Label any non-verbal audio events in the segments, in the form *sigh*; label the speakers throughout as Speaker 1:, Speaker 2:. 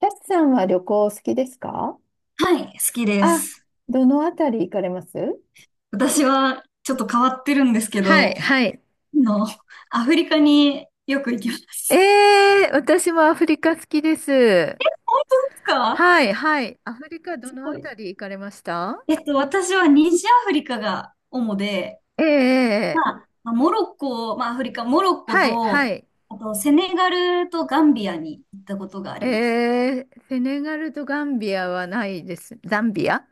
Speaker 1: タスさんは旅行お好きですか？
Speaker 2: はい、好きで
Speaker 1: あ、
Speaker 2: す。
Speaker 1: どのあたり行かれます？
Speaker 2: 私はちょっと変わってるんですけ
Speaker 1: はい、
Speaker 2: ど、
Speaker 1: はい。
Speaker 2: あの、アフリカによく行きます。
Speaker 1: えー、私もアフリカ好きで
Speaker 2: *laughs* 本
Speaker 1: す。
Speaker 2: 当ですか？
Speaker 1: はい、はい。アフリカど
Speaker 2: す
Speaker 1: の
Speaker 2: ご
Speaker 1: あ
Speaker 2: い。
Speaker 1: たり行かれました？
Speaker 2: 私は西アフリカが主で、
Speaker 1: えー
Speaker 2: ま
Speaker 1: えー。
Speaker 2: あ、まあモロッコ、まあ、アフリカ、モロッコ
Speaker 1: はい、は
Speaker 2: と、
Speaker 1: い。
Speaker 2: あと、セネガルとガンビアに行ったことがあります。
Speaker 1: えー、セネガルとガンビアはないです。ザンビア？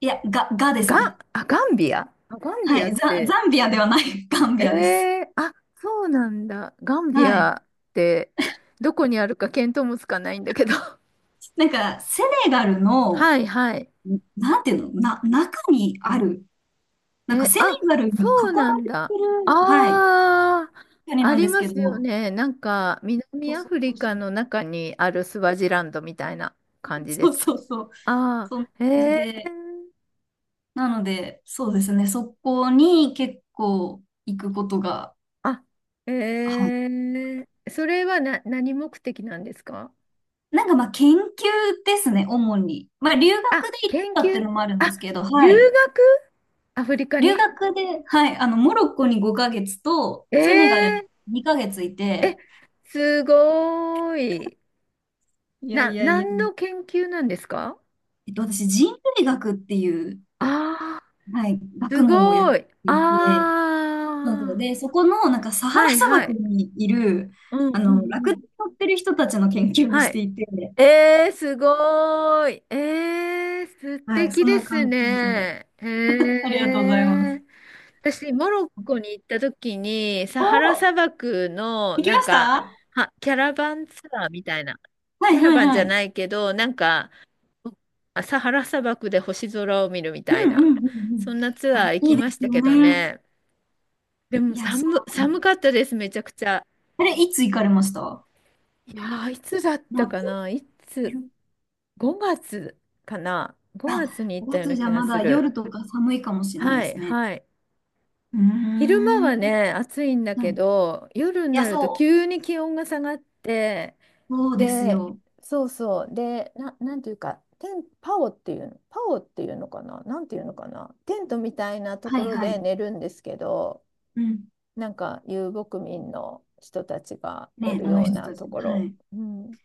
Speaker 2: いや、ガです
Speaker 1: ガン、
Speaker 2: ね。
Speaker 1: あ、ガンビア？あ、ガンビ
Speaker 2: は
Speaker 1: ア
Speaker 2: い、
Speaker 1: って、
Speaker 2: ザンビアではない、*laughs* ガン
Speaker 1: え
Speaker 2: ビアです。
Speaker 1: ー、あ、そうなんだ。ガンビ
Speaker 2: はい。
Speaker 1: アって、どこにあるか見当もつかないんだけど。*laughs*
Speaker 2: なんか、セネガルの、
Speaker 1: はい、はい。
Speaker 2: なんていうの、中にある、なんか
Speaker 1: え、
Speaker 2: セネ
Speaker 1: あ、
Speaker 2: ガル
Speaker 1: そ
Speaker 2: に囲ま
Speaker 1: うなん
Speaker 2: れて
Speaker 1: だ。
Speaker 2: る、はい、
Speaker 1: ああ、
Speaker 2: 国
Speaker 1: あ
Speaker 2: なんで
Speaker 1: り
Speaker 2: す
Speaker 1: ま
Speaker 2: けど、
Speaker 1: すよ
Speaker 2: そ
Speaker 1: ね。なんか、南
Speaker 2: う
Speaker 1: ア
Speaker 2: そ
Speaker 1: フリ
Speaker 2: うそ
Speaker 1: カ
Speaker 2: う、
Speaker 1: の中にあるスワジランドみたいな感じで
Speaker 2: そう
Speaker 1: すか
Speaker 2: そ
Speaker 1: ね。
Speaker 2: うそう、
Speaker 1: あ
Speaker 2: そんな感
Speaker 1: あ、
Speaker 2: じ
Speaker 1: へえ。
Speaker 2: で、なので、そうですね、そこに結構行くことが、
Speaker 1: あ、
Speaker 2: は
Speaker 1: へ
Speaker 2: い。
Speaker 1: え。それは何目的なんですか？
Speaker 2: なんかまあ研究ですね、主に。まあ留学
Speaker 1: あ、
Speaker 2: で行って
Speaker 1: 研
Speaker 2: たって
Speaker 1: 究？
Speaker 2: いうのもあるんで
Speaker 1: あ、
Speaker 2: すけど、は
Speaker 1: 留
Speaker 2: い。
Speaker 1: 学？アフリカ
Speaker 2: 留
Speaker 1: に？
Speaker 2: 学で、はい、モロッコに5ヶ月と、セネガルに
Speaker 1: ええ
Speaker 2: 2ヶ月い
Speaker 1: え、
Speaker 2: て、
Speaker 1: すごーい。
Speaker 2: いやいやいや、
Speaker 1: 何の研究なんですか？
Speaker 2: 私、人類学っていう、
Speaker 1: あ、
Speaker 2: はい、学
Speaker 1: す
Speaker 2: 問をやっ
Speaker 1: ごい。
Speaker 2: ていて、
Speaker 1: あ
Speaker 2: そうなんですよ、
Speaker 1: あ、
Speaker 2: でそこのなんかサハラ
Speaker 1: はい
Speaker 2: 砂
Speaker 1: は
Speaker 2: 漠
Speaker 1: い。
Speaker 2: にいる、
Speaker 1: うんう
Speaker 2: ラ
Speaker 1: んう
Speaker 2: クダ
Speaker 1: ん。
Speaker 2: に乗ってる人たちの研究を
Speaker 1: は
Speaker 2: し
Speaker 1: い。
Speaker 2: ていて、
Speaker 1: えー、すごーい。えー、素
Speaker 2: はい、
Speaker 1: 敵
Speaker 2: そ
Speaker 1: で
Speaker 2: の
Speaker 1: す
Speaker 2: 関係で。
Speaker 1: ね。
Speaker 2: あ
Speaker 1: へ
Speaker 2: りがとうございます。
Speaker 1: え。私、モロッコに行った時に、サ
Speaker 2: お
Speaker 1: ハラ
Speaker 2: ー、
Speaker 1: 砂漠の、
Speaker 2: 行き
Speaker 1: なん
Speaker 2: まし
Speaker 1: か、
Speaker 2: た？
Speaker 1: キャラバンツアーみたいな。
Speaker 2: は
Speaker 1: キ
Speaker 2: い
Speaker 1: ャラ
Speaker 2: はい
Speaker 1: バンじ
Speaker 2: は
Speaker 1: ゃ
Speaker 2: い。
Speaker 1: ないけど、なんか、あ、サハラ砂漠で星空を見るみ
Speaker 2: うん
Speaker 1: たい
Speaker 2: うん
Speaker 1: な。
Speaker 2: うんうん。
Speaker 1: そんなツ
Speaker 2: あ
Speaker 1: アー
Speaker 2: れ、
Speaker 1: 行
Speaker 2: い
Speaker 1: き
Speaker 2: いで
Speaker 1: まし
Speaker 2: す
Speaker 1: た
Speaker 2: よ
Speaker 1: けど
Speaker 2: ね。
Speaker 1: ね。でも
Speaker 2: いや、そ
Speaker 1: 寒、
Speaker 2: うなの。
Speaker 1: 寒かったです、めちゃくちゃ。
Speaker 2: あれ、いつ行かれました？
Speaker 1: いやー、いつだったか
Speaker 2: 夏？
Speaker 1: な、5月かな、5
Speaker 2: あ、
Speaker 1: 月に行った
Speaker 2: 5
Speaker 1: よう
Speaker 2: 月
Speaker 1: な
Speaker 2: じ
Speaker 1: 気
Speaker 2: ゃ
Speaker 1: が
Speaker 2: ま
Speaker 1: す
Speaker 2: だ
Speaker 1: る。
Speaker 2: 夜とか寒いかもしれないで
Speaker 1: はい、
Speaker 2: すね。
Speaker 1: はい。
Speaker 2: うー
Speaker 1: 昼間
Speaker 2: ん。
Speaker 1: は
Speaker 2: は
Speaker 1: ね、暑いんだ
Speaker 2: い
Speaker 1: け
Speaker 2: い。
Speaker 1: ど、夜に
Speaker 2: や、
Speaker 1: なると
Speaker 2: そ
Speaker 1: 急に気温が下がって、
Speaker 2: う。そうです
Speaker 1: で、
Speaker 2: よ。
Speaker 1: そうそう、で、なんていうか、パオっていうの、パオっていうのかな、なんていうのかな、テントみたいなと
Speaker 2: は
Speaker 1: こ
Speaker 2: い
Speaker 1: ろ
Speaker 2: は
Speaker 1: で
Speaker 2: い。
Speaker 1: 寝るんですけど、
Speaker 2: うん。
Speaker 1: なんか遊牧民の人たちが寝
Speaker 2: ね、
Speaker 1: る
Speaker 2: あの
Speaker 1: よう
Speaker 2: 人
Speaker 1: な
Speaker 2: たち。
Speaker 1: とこ
Speaker 2: は
Speaker 1: ろ。
Speaker 2: い。
Speaker 1: うん。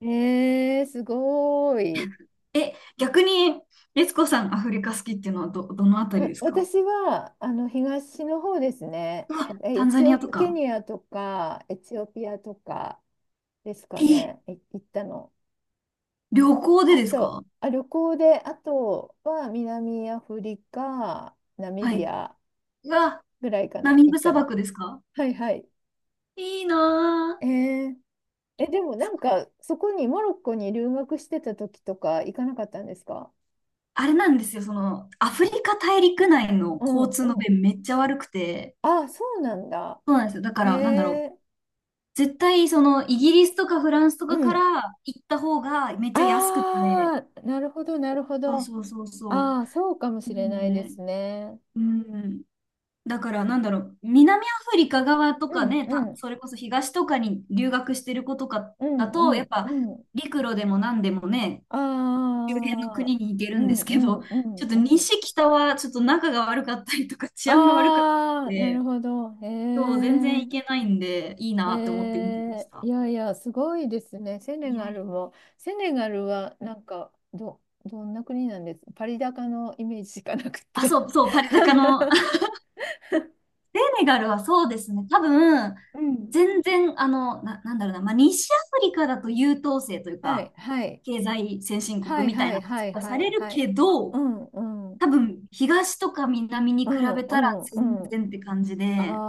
Speaker 1: えー、すごーい。
Speaker 2: え、逆に、律子さん、アフリカ好きっていうのはどのあたり
Speaker 1: わ
Speaker 2: ですか？
Speaker 1: 私はあの東の方ですね。
Speaker 2: う
Speaker 1: な
Speaker 2: わ、
Speaker 1: んかえ
Speaker 2: タ
Speaker 1: エ
Speaker 2: ンザ
Speaker 1: チ
Speaker 2: ニ
Speaker 1: オ、
Speaker 2: アと
Speaker 1: ケ
Speaker 2: か。
Speaker 1: ニアとかエチオピアとかですか
Speaker 2: え、
Speaker 1: ね、行ったの。
Speaker 2: 旅行で
Speaker 1: あ
Speaker 2: です
Speaker 1: と、
Speaker 2: か？
Speaker 1: あ、旅行で、あとは南アフリカ、ナミ
Speaker 2: は
Speaker 1: ビ
Speaker 2: い。
Speaker 1: ア
Speaker 2: うわ、
Speaker 1: ぐらいか
Speaker 2: ナ
Speaker 1: な、
Speaker 2: ミ
Speaker 1: 行
Speaker 2: ブ
Speaker 1: った
Speaker 2: 砂
Speaker 1: の。
Speaker 2: 漠ですか？
Speaker 1: はいはい。
Speaker 2: いいな
Speaker 1: え
Speaker 2: ぁ。
Speaker 1: ー、でもなんか、そこにモロッコに留学してた時とか行かなかったんですか？
Speaker 2: あれなんですよ、その、アフリカ大陸内の
Speaker 1: うん
Speaker 2: 交通の
Speaker 1: うん。
Speaker 2: 便めっちゃ悪くて、
Speaker 1: ああ、そうなんだ。
Speaker 2: そうなんですよ。だか
Speaker 1: え
Speaker 2: ら、なんだろう。
Speaker 1: ー、
Speaker 2: 絶対、その、イギリスとかフランスと
Speaker 1: う
Speaker 2: かか
Speaker 1: ん。
Speaker 2: ら行った方がめっちゃ安くて、
Speaker 1: ああ、なるほど、なるほ
Speaker 2: そう
Speaker 1: ど。
Speaker 2: そうそうそ
Speaker 1: ああ、そうかも
Speaker 2: う。
Speaker 1: し
Speaker 2: な
Speaker 1: れ
Speaker 2: の
Speaker 1: ないで
Speaker 2: で、
Speaker 1: すね。
Speaker 2: うん。だからなんだろう、南アフリカ側と
Speaker 1: う
Speaker 2: か
Speaker 1: ん
Speaker 2: ね、
Speaker 1: うん
Speaker 2: それこそ東とかに留学してる子とか
Speaker 1: うん
Speaker 2: だ
Speaker 1: う
Speaker 2: と、やっ
Speaker 1: ん
Speaker 2: ぱ
Speaker 1: うん。
Speaker 2: 陸路でも何でもね、
Speaker 1: あ
Speaker 2: 周辺の
Speaker 1: あ、
Speaker 2: 国に行け
Speaker 1: う
Speaker 2: るんで
Speaker 1: ん
Speaker 2: す
Speaker 1: う
Speaker 2: けど、
Speaker 1: んう
Speaker 2: *laughs* ちょ
Speaker 1: ん
Speaker 2: っと
Speaker 1: うん。
Speaker 2: 西北はちょっと仲が悪かったりとか治安が悪かった
Speaker 1: あ
Speaker 2: り
Speaker 1: あ、なる
Speaker 2: で、
Speaker 1: ほど。へ
Speaker 2: そう、全然
Speaker 1: え。
Speaker 2: 行けないんで、いい
Speaker 1: え
Speaker 2: なって思って見てまし
Speaker 1: ー、い
Speaker 2: た。
Speaker 1: やいや、すごいですね。セネ
Speaker 2: いや
Speaker 1: ガ
Speaker 2: いや。
Speaker 1: ルも。セネガルは、なんか、どんな国なんです？パリ高のイメージしかなく
Speaker 2: あ、
Speaker 1: て。
Speaker 2: そうそう、パリ高の、
Speaker 1: *laughs*
Speaker 2: ネガルはそうですね。多分、
Speaker 1: うん。
Speaker 2: 全然、なんだろうな、まあ、西アフリカだと優等生という
Speaker 1: は
Speaker 2: か、
Speaker 1: い、はい、
Speaker 2: 経済先進
Speaker 1: は
Speaker 2: 国
Speaker 1: い、
Speaker 2: みたい
Speaker 1: は
Speaker 2: な
Speaker 1: い、はい、
Speaker 2: 扱いさ
Speaker 1: は
Speaker 2: れ
Speaker 1: い、
Speaker 2: る
Speaker 1: はい。
Speaker 2: け
Speaker 1: う
Speaker 2: ど、
Speaker 1: ん、うん、
Speaker 2: 多分、東とか南に
Speaker 1: う
Speaker 2: 比
Speaker 1: ん、
Speaker 2: べ
Speaker 1: う
Speaker 2: たら
Speaker 1: ん、う
Speaker 2: 全
Speaker 1: ん。
Speaker 2: 然って感じ
Speaker 1: あ
Speaker 2: で、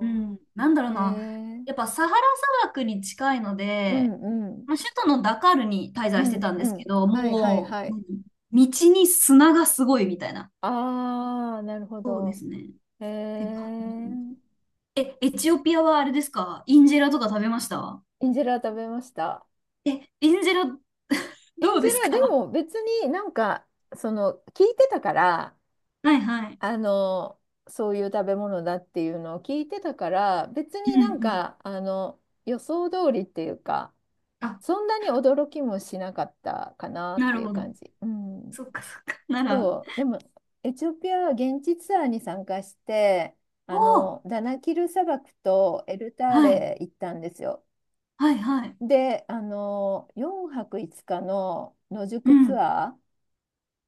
Speaker 2: うん、なんだろ
Speaker 1: ー、え
Speaker 2: うな、やっ
Speaker 1: ー、
Speaker 2: ぱサハラ砂漠に近いの
Speaker 1: うん、
Speaker 2: で、
Speaker 1: うん、
Speaker 2: まあ、首都のダカールに滞
Speaker 1: う
Speaker 2: 在して
Speaker 1: ん、
Speaker 2: たんで
Speaker 1: う
Speaker 2: すけ
Speaker 1: ん。
Speaker 2: ど、
Speaker 1: はい、はい、
Speaker 2: も
Speaker 1: は
Speaker 2: う、う
Speaker 1: い。
Speaker 2: ん、道に砂がすごいみたいな。
Speaker 1: あー、なるほ
Speaker 2: そうで
Speaker 1: ど。
Speaker 2: すね。っ
Speaker 1: え
Speaker 2: て感じ。
Speaker 1: ー、
Speaker 2: え、エチオピアはあれですか？インジェラとか食べました？
Speaker 1: インジェラ食べました。
Speaker 2: え、インジェラ
Speaker 1: エ
Speaker 2: ど
Speaker 1: ン
Speaker 2: う
Speaker 1: ジ
Speaker 2: です
Speaker 1: ェラ、で
Speaker 2: か？ *laughs*
Speaker 1: も別になんか、その、聞いてたから、
Speaker 2: はいはい。
Speaker 1: あの、そういう食べ物だっていうのを聞いてたから、別
Speaker 2: うん
Speaker 1: になん
Speaker 2: うん。
Speaker 1: か、あの、予想通りっていうか、
Speaker 2: あ、
Speaker 1: そんなに驚きもしなかったかなっ
Speaker 2: な
Speaker 1: て
Speaker 2: る
Speaker 1: いう
Speaker 2: ほ
Speaker 1: 感
Speaker 2: ど。
Speaker 1: じ。うん。
Speaker 2: そっかそっか。なら。
Speaker 1: そう、でも、エチオピアは現地ツアーに参加して、
Speaker 2: お
Speaker 1: あ
Speaker 2: お、
Speaker 1: の、ダナキル砂漠とエルター
Speaker 2: はい。
Speaker 1: レ行ったんですよ。
Speaker 2: はいはい。
Speaker 1: で、あの、4泊5日の野
Speaker 2: う
Speaker 1: 宿ツ
Speaker 2: ん。
Speaker 1: アー、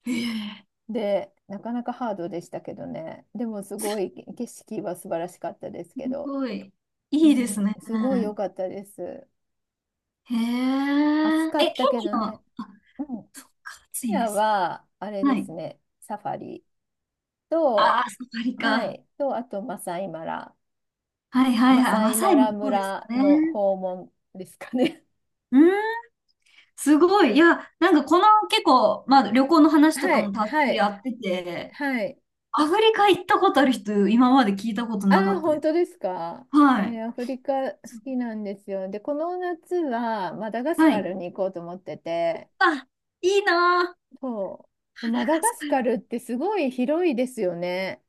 Speaker 2: へえ、
Speaker 1: で、なかなかハードでしたけどね。でもすごい景色は素晴らしかったです
Speaker 2: す
Speaker 1: けど、
Speaker 2: ごい。
Speaker 1: う
Speaker 2: いいです
Speaker 1: ん、
Speaker 2: ね。
Speaker 1: すごい良かったです。
Speaker 2: へ
Speaker 1: 暑
Speaker 2: え。
Speaker 1: かっ
Speaker 2: え、ケ
Speaker 1: たけ
Speaker 2: ニ
Speaker 1: ど
Speaker 2: ア
Speaker 1: ね。
Speaker 2: は、あ、
Speaker 1: うん。
Speaker 2: そっか、暑
Speaker 1: ケ
Speaker 2: い
Speaker 1: ニ
Speaker 2: んで
Speaker 1: ア
Speaker 2: すね。
Speaker 1: は、あれで
Speaker 2: はい。
Speaker 1: すね、サファリ
Speaker 2: あ
Speaker 1: と、
Speaker 2: あ、サファリ
Speaker 1: は
Speaker 2: か。
Speaker 1: い、と、あと
Speaker 2: はいは
Speaker 1: マ
Speaker 2: いはい。
Speaker 1: サ
Speaker 2: マ
Speaker 1: イ
Speaker 2: サ
Speaker 1: マ
Speaker 2: イも
Speaker 1: ラ
Speaker 2: そうですか
Speaker 1: 村
Speaker 2: ね。
Speaker 1: の訪問ですかね。
Speaker 2: うん。すごい。いや、なんかこの結構、まあ旅行の
Speaker 1: *laughs*
Speaker 2: 話と
Speaker 1: は
Speaker 2: か
Speaker 1: い、
Speaker 2: もたっぷ
Speaker 1: は
Speaker 2: り
Speaker 1: い、
Speaker 2: やってて、
Speaker 1: はい。
Speaker 2: アフリカ行ったことある人、今まで聞いたこと
Speaker 1: あ
Speaker 2: なか
Speaker 1: あ、
Speaker 2: った
Speaker 1: 本
Speaker 2: です。
Speaker 1: 当ですか？え
Speaker 2: はい。
Speaker 1: ー、アフリカ好
Speaker 2: そう、
Speaker 1: きなんですよ。で、この夏はマダガス
Speaker 2: は
Speaker 1: カ
Speaker 2: い。
Speaker 1: ルに行こうと思ってて、
Speaker 2: あ、いいなぁ。
Speaker 1: そう。マダ
Speaker 2: カ
Speaker 1: ガ
Speaker 2: ス
Speaker 1: ス
Speaker 2: カ
Speaker 1: カ
Speaker 2: ル、
Speaker 1: ルってすごい広いですよね。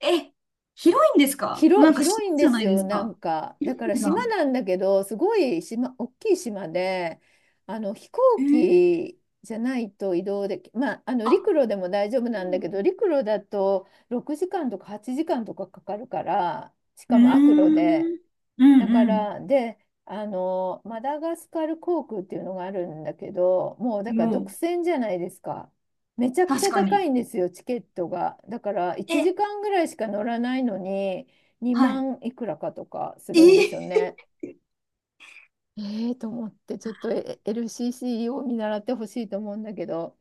Speaker 2: え、広いんですか？
Speaker 1: 広、
Speaker 2: なんか島
Speaker 1: 広いん
Speaker 2: じ
Speaker 1: で
Speaker 2: ゃな
Speaker 1: す
Speaker 2: いで
Speaker 1: よ、
Speaker 2: す
Speaker 1: なん
Speaker 2: か。
Speaker 1: か。だ
Speaker 2: 広
Speaker 1: から
Speaker 2: いんだ。
Speaker 1: 島なんだけど、すごい島、大きい島で、あの飛行
Speaker 2: えー、
Speaker 1: 機じゃないと移動でき、まあ、あの
Speaker 2: あ、
Speaker 1: 陸路でも大丈夫なんだけど、陸路だと6時間とか8時間とかかかるから、し
Speaker 2: うー
Speaker 1: かも悪路で、
Speaker 2: ん。う
Speaker 1: だか
Speaker 2: ん
Speaker 1: ら、で、あの、マダガスカル航空っていうのがあるんだけど、もう
Speaker 2: う
Speaker 1: だ
Speaker 2: ん。
Speaker 1: から
Speaker 2: も
Speaker 1: 独
Speaker 2: う、
Speaker 1: 占じゃないですか。めちゃくち
Speaker 2: 確
Speaker 1: ゃ
Speaker 2: か
Speaker 1: 高
Speaker 2: に。
Speaker 1: いんですよ、チケットが。だから1
Speaker 2: え、
Speaker 1: 時間ぐらいしか乗らないのに、
Speaker 2: は
Speaker 1: 2
Speaker 2: い。
Speaker 1: 万いくらかとかす
Speaker 2: え
Speaker 1: るんですよ
Speaker 2: ー、
Speaker 1: ね。ええと思って、ちょっとLCC を見習ってほしいと思うんだけど。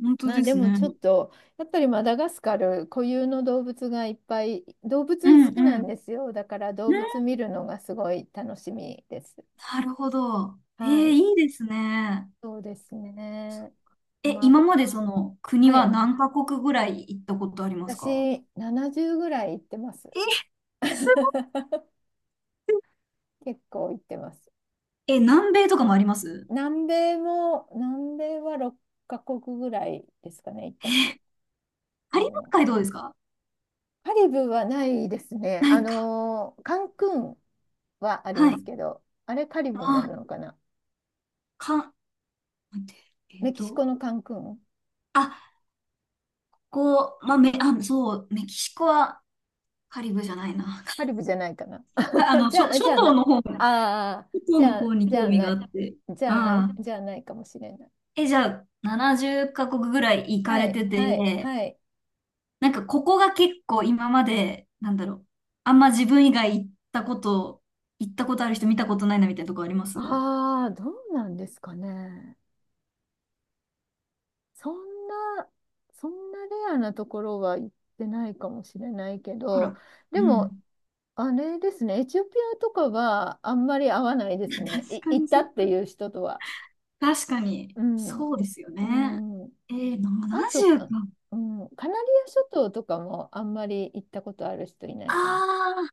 Speaker 2: 本当
Speaker 1: まあ
Speaker 2: で
Speaker 1: で
Speaker 2: す
Speaker 1: も
Speaker 2: ね。
Speaker 1: ちょっと、やっぱりマダガスカル固有の動物がいっぱい、動
Speaker 2: う
Speaker 1: 物
Speaker 2: ん
Speaker 1: 好きな
Speaker 2: う
Speaker 1: ん
Speaker 2: ん。
Speaker 1: ですよ。だから動物見るのがすごい楽しみです。
Speaker 2: なるほど。えー、
Speaker 1: はい。
Speaker 2: いいですね。
Speaker 1: そうですね。
Speaker 2: え、
Speaker 1: まあ、
Speaker 2: 今までその国
Speaker 1: は
Speaker 2: は
Speaker 1: い。
Speaker 2: 何カ国ぐらい行ったことありますか？
Speaker 1: 私、70ぐらい行ってます。
Speaker 2: え、すご
Speaker 1: *laughs* 結構行ってます。
Speaker 2: い。え、南米とかもあります？
Speaker 1: 南米は6カ国ぐらいですかね、行ったことあ
Speaker 2: カ
Speaker 1: る
Speaker 2: リブ
Speaker 1: の。
Speaker 2: 海どうですか？
Speaker 1: カリブはないですね。
Speaker 2: な
Speaker 1: あ
Speaker 2: いか。
Speaker 1: のー、カンクンはあり
Speaker 2: は
Speaker 1: ま
Speaker 2: い。
Speaker 1: すけど、あれカリブになる
Speaker 2: あ、
Speaker 1: のかな？
Speaker 2: か、待って、えっ
Speaker 1: メキシ
Speaker 2: と、
Speaker 1: コのカンクン？
Speaker 2: あ、こう、まあ、め、あ、そう、メキシコはカリブじゃないな。
Speaker 1: カリブじゃないかな。
Speaker 2: *laughs*
Speaker 1: *laughs* じゃあ、
Speaker 2: 諸
Speaker 1: じゃあな、
Speaker 2: 島
Speaker 1: あ
Speaker 2: の方、諸
Speaker 1: あ、
Speaker 2: 島
Speaker 1: じ
Speaker 2: の
Speaker 1: ゃあ、
Speaker 2: 方に
Speaker 1: じゃ
Speaker 2: 興
Speaker 1: あ
Speaker 2: 味
Speaker 1: な
Speaker 2: があ
Speaker 1: い、
Speaker 2: って。ああ。
Speaker 1: じゃあないかもしれない。
Speaker 2: え、じゃあ、70カ国ぐらい行か
Speaker 1: は
Speaker 2: れ
Speaker 1: い、
Speaker 2: てて、
Speaker 1: はい、はい。
Speaker 2: なんかここが結構今まで、なんだろう、あんま自分以外行ったこと、行ったことある人見たことないなみたいなとこあります？
Speaker 1: ああ、どうなんですかね。そんな、そんなレアなところは行ってないかもしれないけ
Speaker 2: ほ
Speaker 1: ど、
Speaker 2: ら。う
Speaker 1: でも、
Speaker 2: ん。
Speaker 1: あれですね、エチオピアとかはあんまり合わないですね。
Speaker 2: 確か
Speaker 1: 行っ
Speaker 2: に
Speaker 1: た
Speaker 2: そっ
Speaker 1: って
Speaker 2: か。
Speaker 1: いう人とは。
Speaker 2: 確かに。
Speaker 1: うん。
Speaker 2: そうですよね。
Speaker 1: うん。
Speaker 2: えー、
Speaker 1: あと、
Speaker 2: 70か。
Speaker 1: うん、カナリア諸島とかもあんまり行ったことある人いないかもしれない。
Speaker 2: あ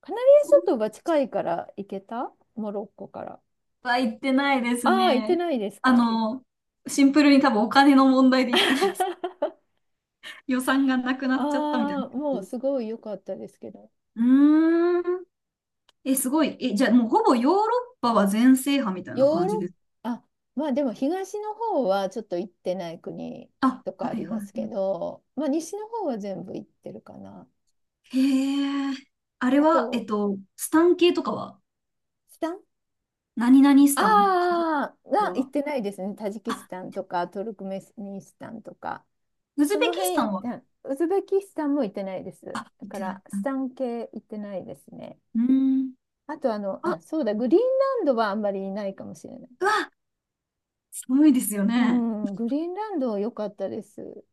Speaker 1: カナリア諸島は近いから行けた、モロッコから。
Speaker 2: あ、は行ってないです
Speaker 1: ああ、行って
Speaker 2: ね。
Speaker 1: ないです
Speaker 2: あ
Speaker 1: か？
Speaker 2: の、シンプルに多分お金の問題で行ってないです。
Speaker 1: *laughs*
Speaker 2: *laughs* 予算がなくなっちゃったみたいな
Speaker 1: あ
Speaker 2: 感
Speaker 1: あ、も
Speaker 2: じ
Speaker 1: う
Speaker 2: で
Speaker 1: す
Speaker 2: す。
Speaker 1: ごい良かったですけど、
Speaker 2: うーん。え、すごい。え、じゃあもうほぼヨーロッパは全制覇みたい
Speaker 1: ヨ
Speaker 2: な
Speaker 1: ー
Speaker 2: 感じ
Speaker 1: ロッ
Speaker 2: です？
Speaker 1: パ、あ、まあでも東の方はちょっと行ってない国
Speaker 2: あ、
Speaker 1: とか
Speaker 2: は
Speaker 1: あ
Speaker 2: い
Speaker 1: り
Speaker 2: は
Speaker 1: ま
Speaker 2: い。
Speaker 1: す
Speaker 2: う
Speaker 1: け
Speaker 2: ん、
Speaker 1: ど、まあ西の方は全部行ってるかな。
Speaker 2: へえ。あれ
Speaker 1: あ
Speaker 2: は、
Speaker 1: と、
Speaker 2: スタン系とかは
Speaker 1: スタン
Speaker 2: 何々ス
Speaker 1: あ
Speaker 2: タン、カザ
Speaker 1: あー、
Speaker 2: フ
Speaker 1: は行
Speaker 2: は？
Speaker 1: ってないですね。タジキス
Speaker 2: あ、
Speaker 1: タンとかトルクメニスタンとか、
Speaker 2: ウズ
Speaker 1: そ
Speaker 2: ベキ
Speaker 1: の
Speaker 2: スタ
Speaker 1: 辺行
Speaker 2: ン
Speaker 1: っ
Speaker 2: は？
Speaker 1: た、ウズベキスタンも行ってないで
Speaker 2: あ、
Speaker 1: す。
Speaker 2: 行
Speaker 1: だ
Speaker 2: っ
Speaker 1: か
Speaker 2: てない。
Speaker 1: ら、
Speaker 2: う
Speaker 1: ス
Speaker 2: ん。
Speaker 1: タン系行ってないですね。
Speaker 2: うーん、
Speaker 1: あと、あの、
Speaker 2: あ、
Speaker 1: あ、そうだ、グリーンランドはあんまりいないかもしれない。
Speaker 2: うわ、寒いですよ
Speaker 1: う
Speaker 2: ね。
Speaker 1: ん、グリーンランド良かったです。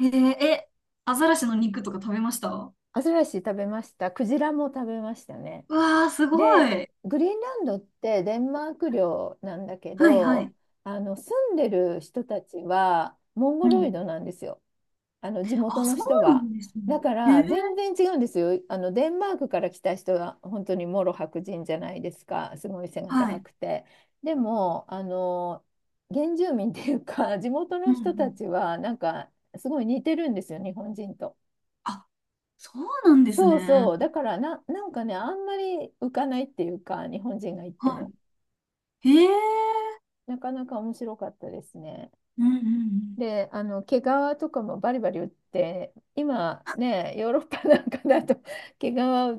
Speaker 2: へえ、え、アザラシの肉とか食べました？
Speaker 1: アザラシ食べました。クジラも食べましたね。
Speaker 2: うわー、すご
Speaker 1: で、
Speaker 2: い。
Speaker 1: グリーンランドってデンマーク領なんだけ
Speaker 2: はいはい。
Speaker 1: ど、あの住んでる人たちはモン
Speaker 2: う
Speaker 1: ゴロイ
Speaker 2: ん。
Speaker 1: ドなんですよ。あの地元
Speaker 2: あ、
Speaker 1: の
Speaker 2: そ
Speaker 1: 人
Speaker 2: うな
Speaker 1: は。
Speaker 2: んですね。
Speaker 1: だか
Speaker 2: へえ、
Speaker 1: ら全然違うんですよ。あのデンマークから来た人は本当にもろ白人じゃないですか。すごい背が
Speaker 2: は
Speaker 1: 高
Speaker 2: い。
Speaker 1: くて。でも、あの原住民っていうか、*laughs* 地元
Speaker 2: う
Speaker 1: の
Speaker 2: んう
Speaker 1: 人た
Speaker 2: ん。
Speaker 1: ちはなんかすごい似てるんですよ、日本人と。
Speaker 2: あ、そうなんです
Speaker 1: そう
Speaker 2: ね。
Speaker 1: そう。だからなんかね、あんまり浮かないっていうか、日本人が行っても。
Speaker 2: はい。へえ。
Speaker 1: なかなか面白かったですね。
Speaker 2: うんうんうん。
Speaker 1: で、あの毛皮とかもバリバリ売って、今ね、ヨーロッパなんかだと *laughs* 毛皮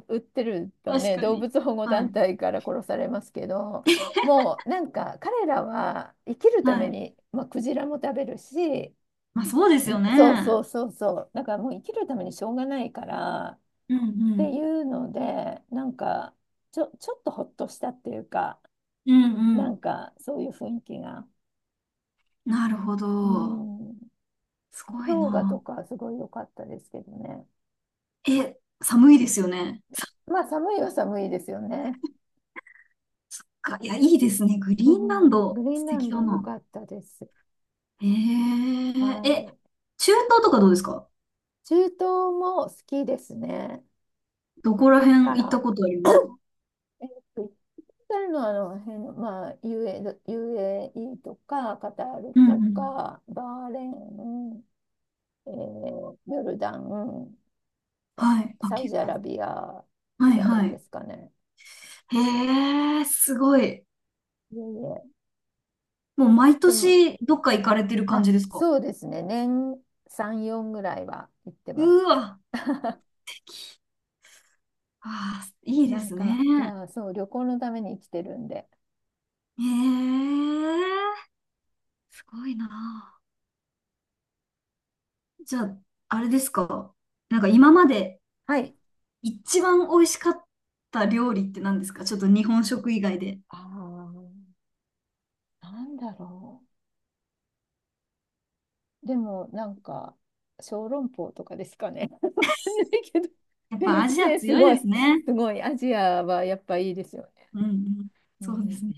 Speaker 1: 売ってると
Speaker 2: 確
Speaker 1: ね、
Speaker 2: か
Speaker 1: 動
Speaker 2: に。
Speaker 1: 物保護
Speaker 2: は
Speaker 1: 団
Speaker 2: い。
Speaker 1: 体から殺されますけど、もうなんか彼らは生きるため
Speaker 2: はい。
Speaker 1: に、まあ、クジラも食べるし、
Speaker 2: まあそうですよ
Speaker 1: そうそ
Speaker 2: ね。
Speaker 1: うそうそう、だからもう生きるためにしょうがないからっ
Speaker 2: うんう
Speaker 1: て
Speaker 2: ん。
Speaker 1: いうので、なんかちょっとほっとしたっていうか、
Speaker 2: うんう
Speaker 1: な
Speaker 2: ん。
Speaker 1: んかそういう雰囲気が。
Speaker 2: なるほ
Speaker 1: う
Speaker 2: ど。
Speaker 1: ん、
Speaker 2: すごい
Speaker 1: 氷河と
Speaker 2: な。
Speaker 1: かすごい良かったですけどね。
Speaker 2: え、寒いですよね。
Speaker 1: まあ寒いは寒いですよね。
Speaker 2: か、いや、いいですね。グリ
Speaker 1: う
Speaker 2: ーンラ
Speaker 1: んうん
Speaker 2: ン
Speaker 1: グ
Speaker 2: ド、
Speaker 1: リーン
Speaker 2: 素
Speaker 1: ラン
Speaker 2: 敵
Speaker 1: ド
Speaker 2: だ
Speaker 1: 良
Speaker 2: な。
Speaker 1: かったです。
Speaker 2: えー、
Speaker 1: は
Speaker 2: え、
Speaker 1: い。
Speaker 2: 中東とかどうですか？
Speaker 1: 中東も好きですね。
Speaker 2: どこら
Speaker 1: か
Speaker 2: 辺行った
Speaker 1: ら、
Speaker 2: ことありますか？
Speaker 1: えっと、行ったのはあの辺の、まあ、UAE とか、カタール
Speaker 2: うんう
Speaker 1: と
Speaker 2: ん。
Speaker 1: か、バーレーン、ヨルダン、サ
Speaker 2: はい。あ、
Speaker 1: サウ
Speaker 2: 結
Speaker 1: ジアラ
Speaker 2: 構。
Speaker 1: ビアぐ
Speaker 2: はい
Speaker 1: らい
Speaker 2: は
Speaker 1: で
Speaker 2: い。
Speaker 1: すかね。
Speaker 2: へえ、すごい。
Speaker 1: いえいえ。
Speaker 2: もう毎
Speaker 1: でも、
Speaker 2: 年どっか行かれてる感
Speaker 1: あ、
Speaker 2: じですか？
Speaker 1: そうですね。年3、4ぐらいは行って
Speaker 2: う
Speaker 1: ます。
Speaker 2: わ。あー、いいで
Speaker 1: なん
Speaker 2: すね。
Speaker 1: か、いや、そう、旅行のために生きてるんで。
Speaker 2: へえ、すごいな。じゃあ、あれですか。なんか今まで
Speaker 1: はい。
Speaker 2: 一番美味しかった料理って何ですか？ちょっと日本食以外で。
Speaker 1: ああ、なんだろう。でも、なんか、小籠包とかですかね。*laughs* わかんないけど。
Speaker 2: やっ
Speaker 1: すいま
Speaker 2: ぱアジア
Speaker 1: せん、す
Speaker 2: 強い
Speaker 1: ごい、
Speaker 2: ですね。
Speaker 1: すごい。アジアはやっぱいいですよね。
Speaker 2: うんうん。
Speaker 1: う
Speaker 2: そうで
Speaker 1: ん
Speaker 2: すね。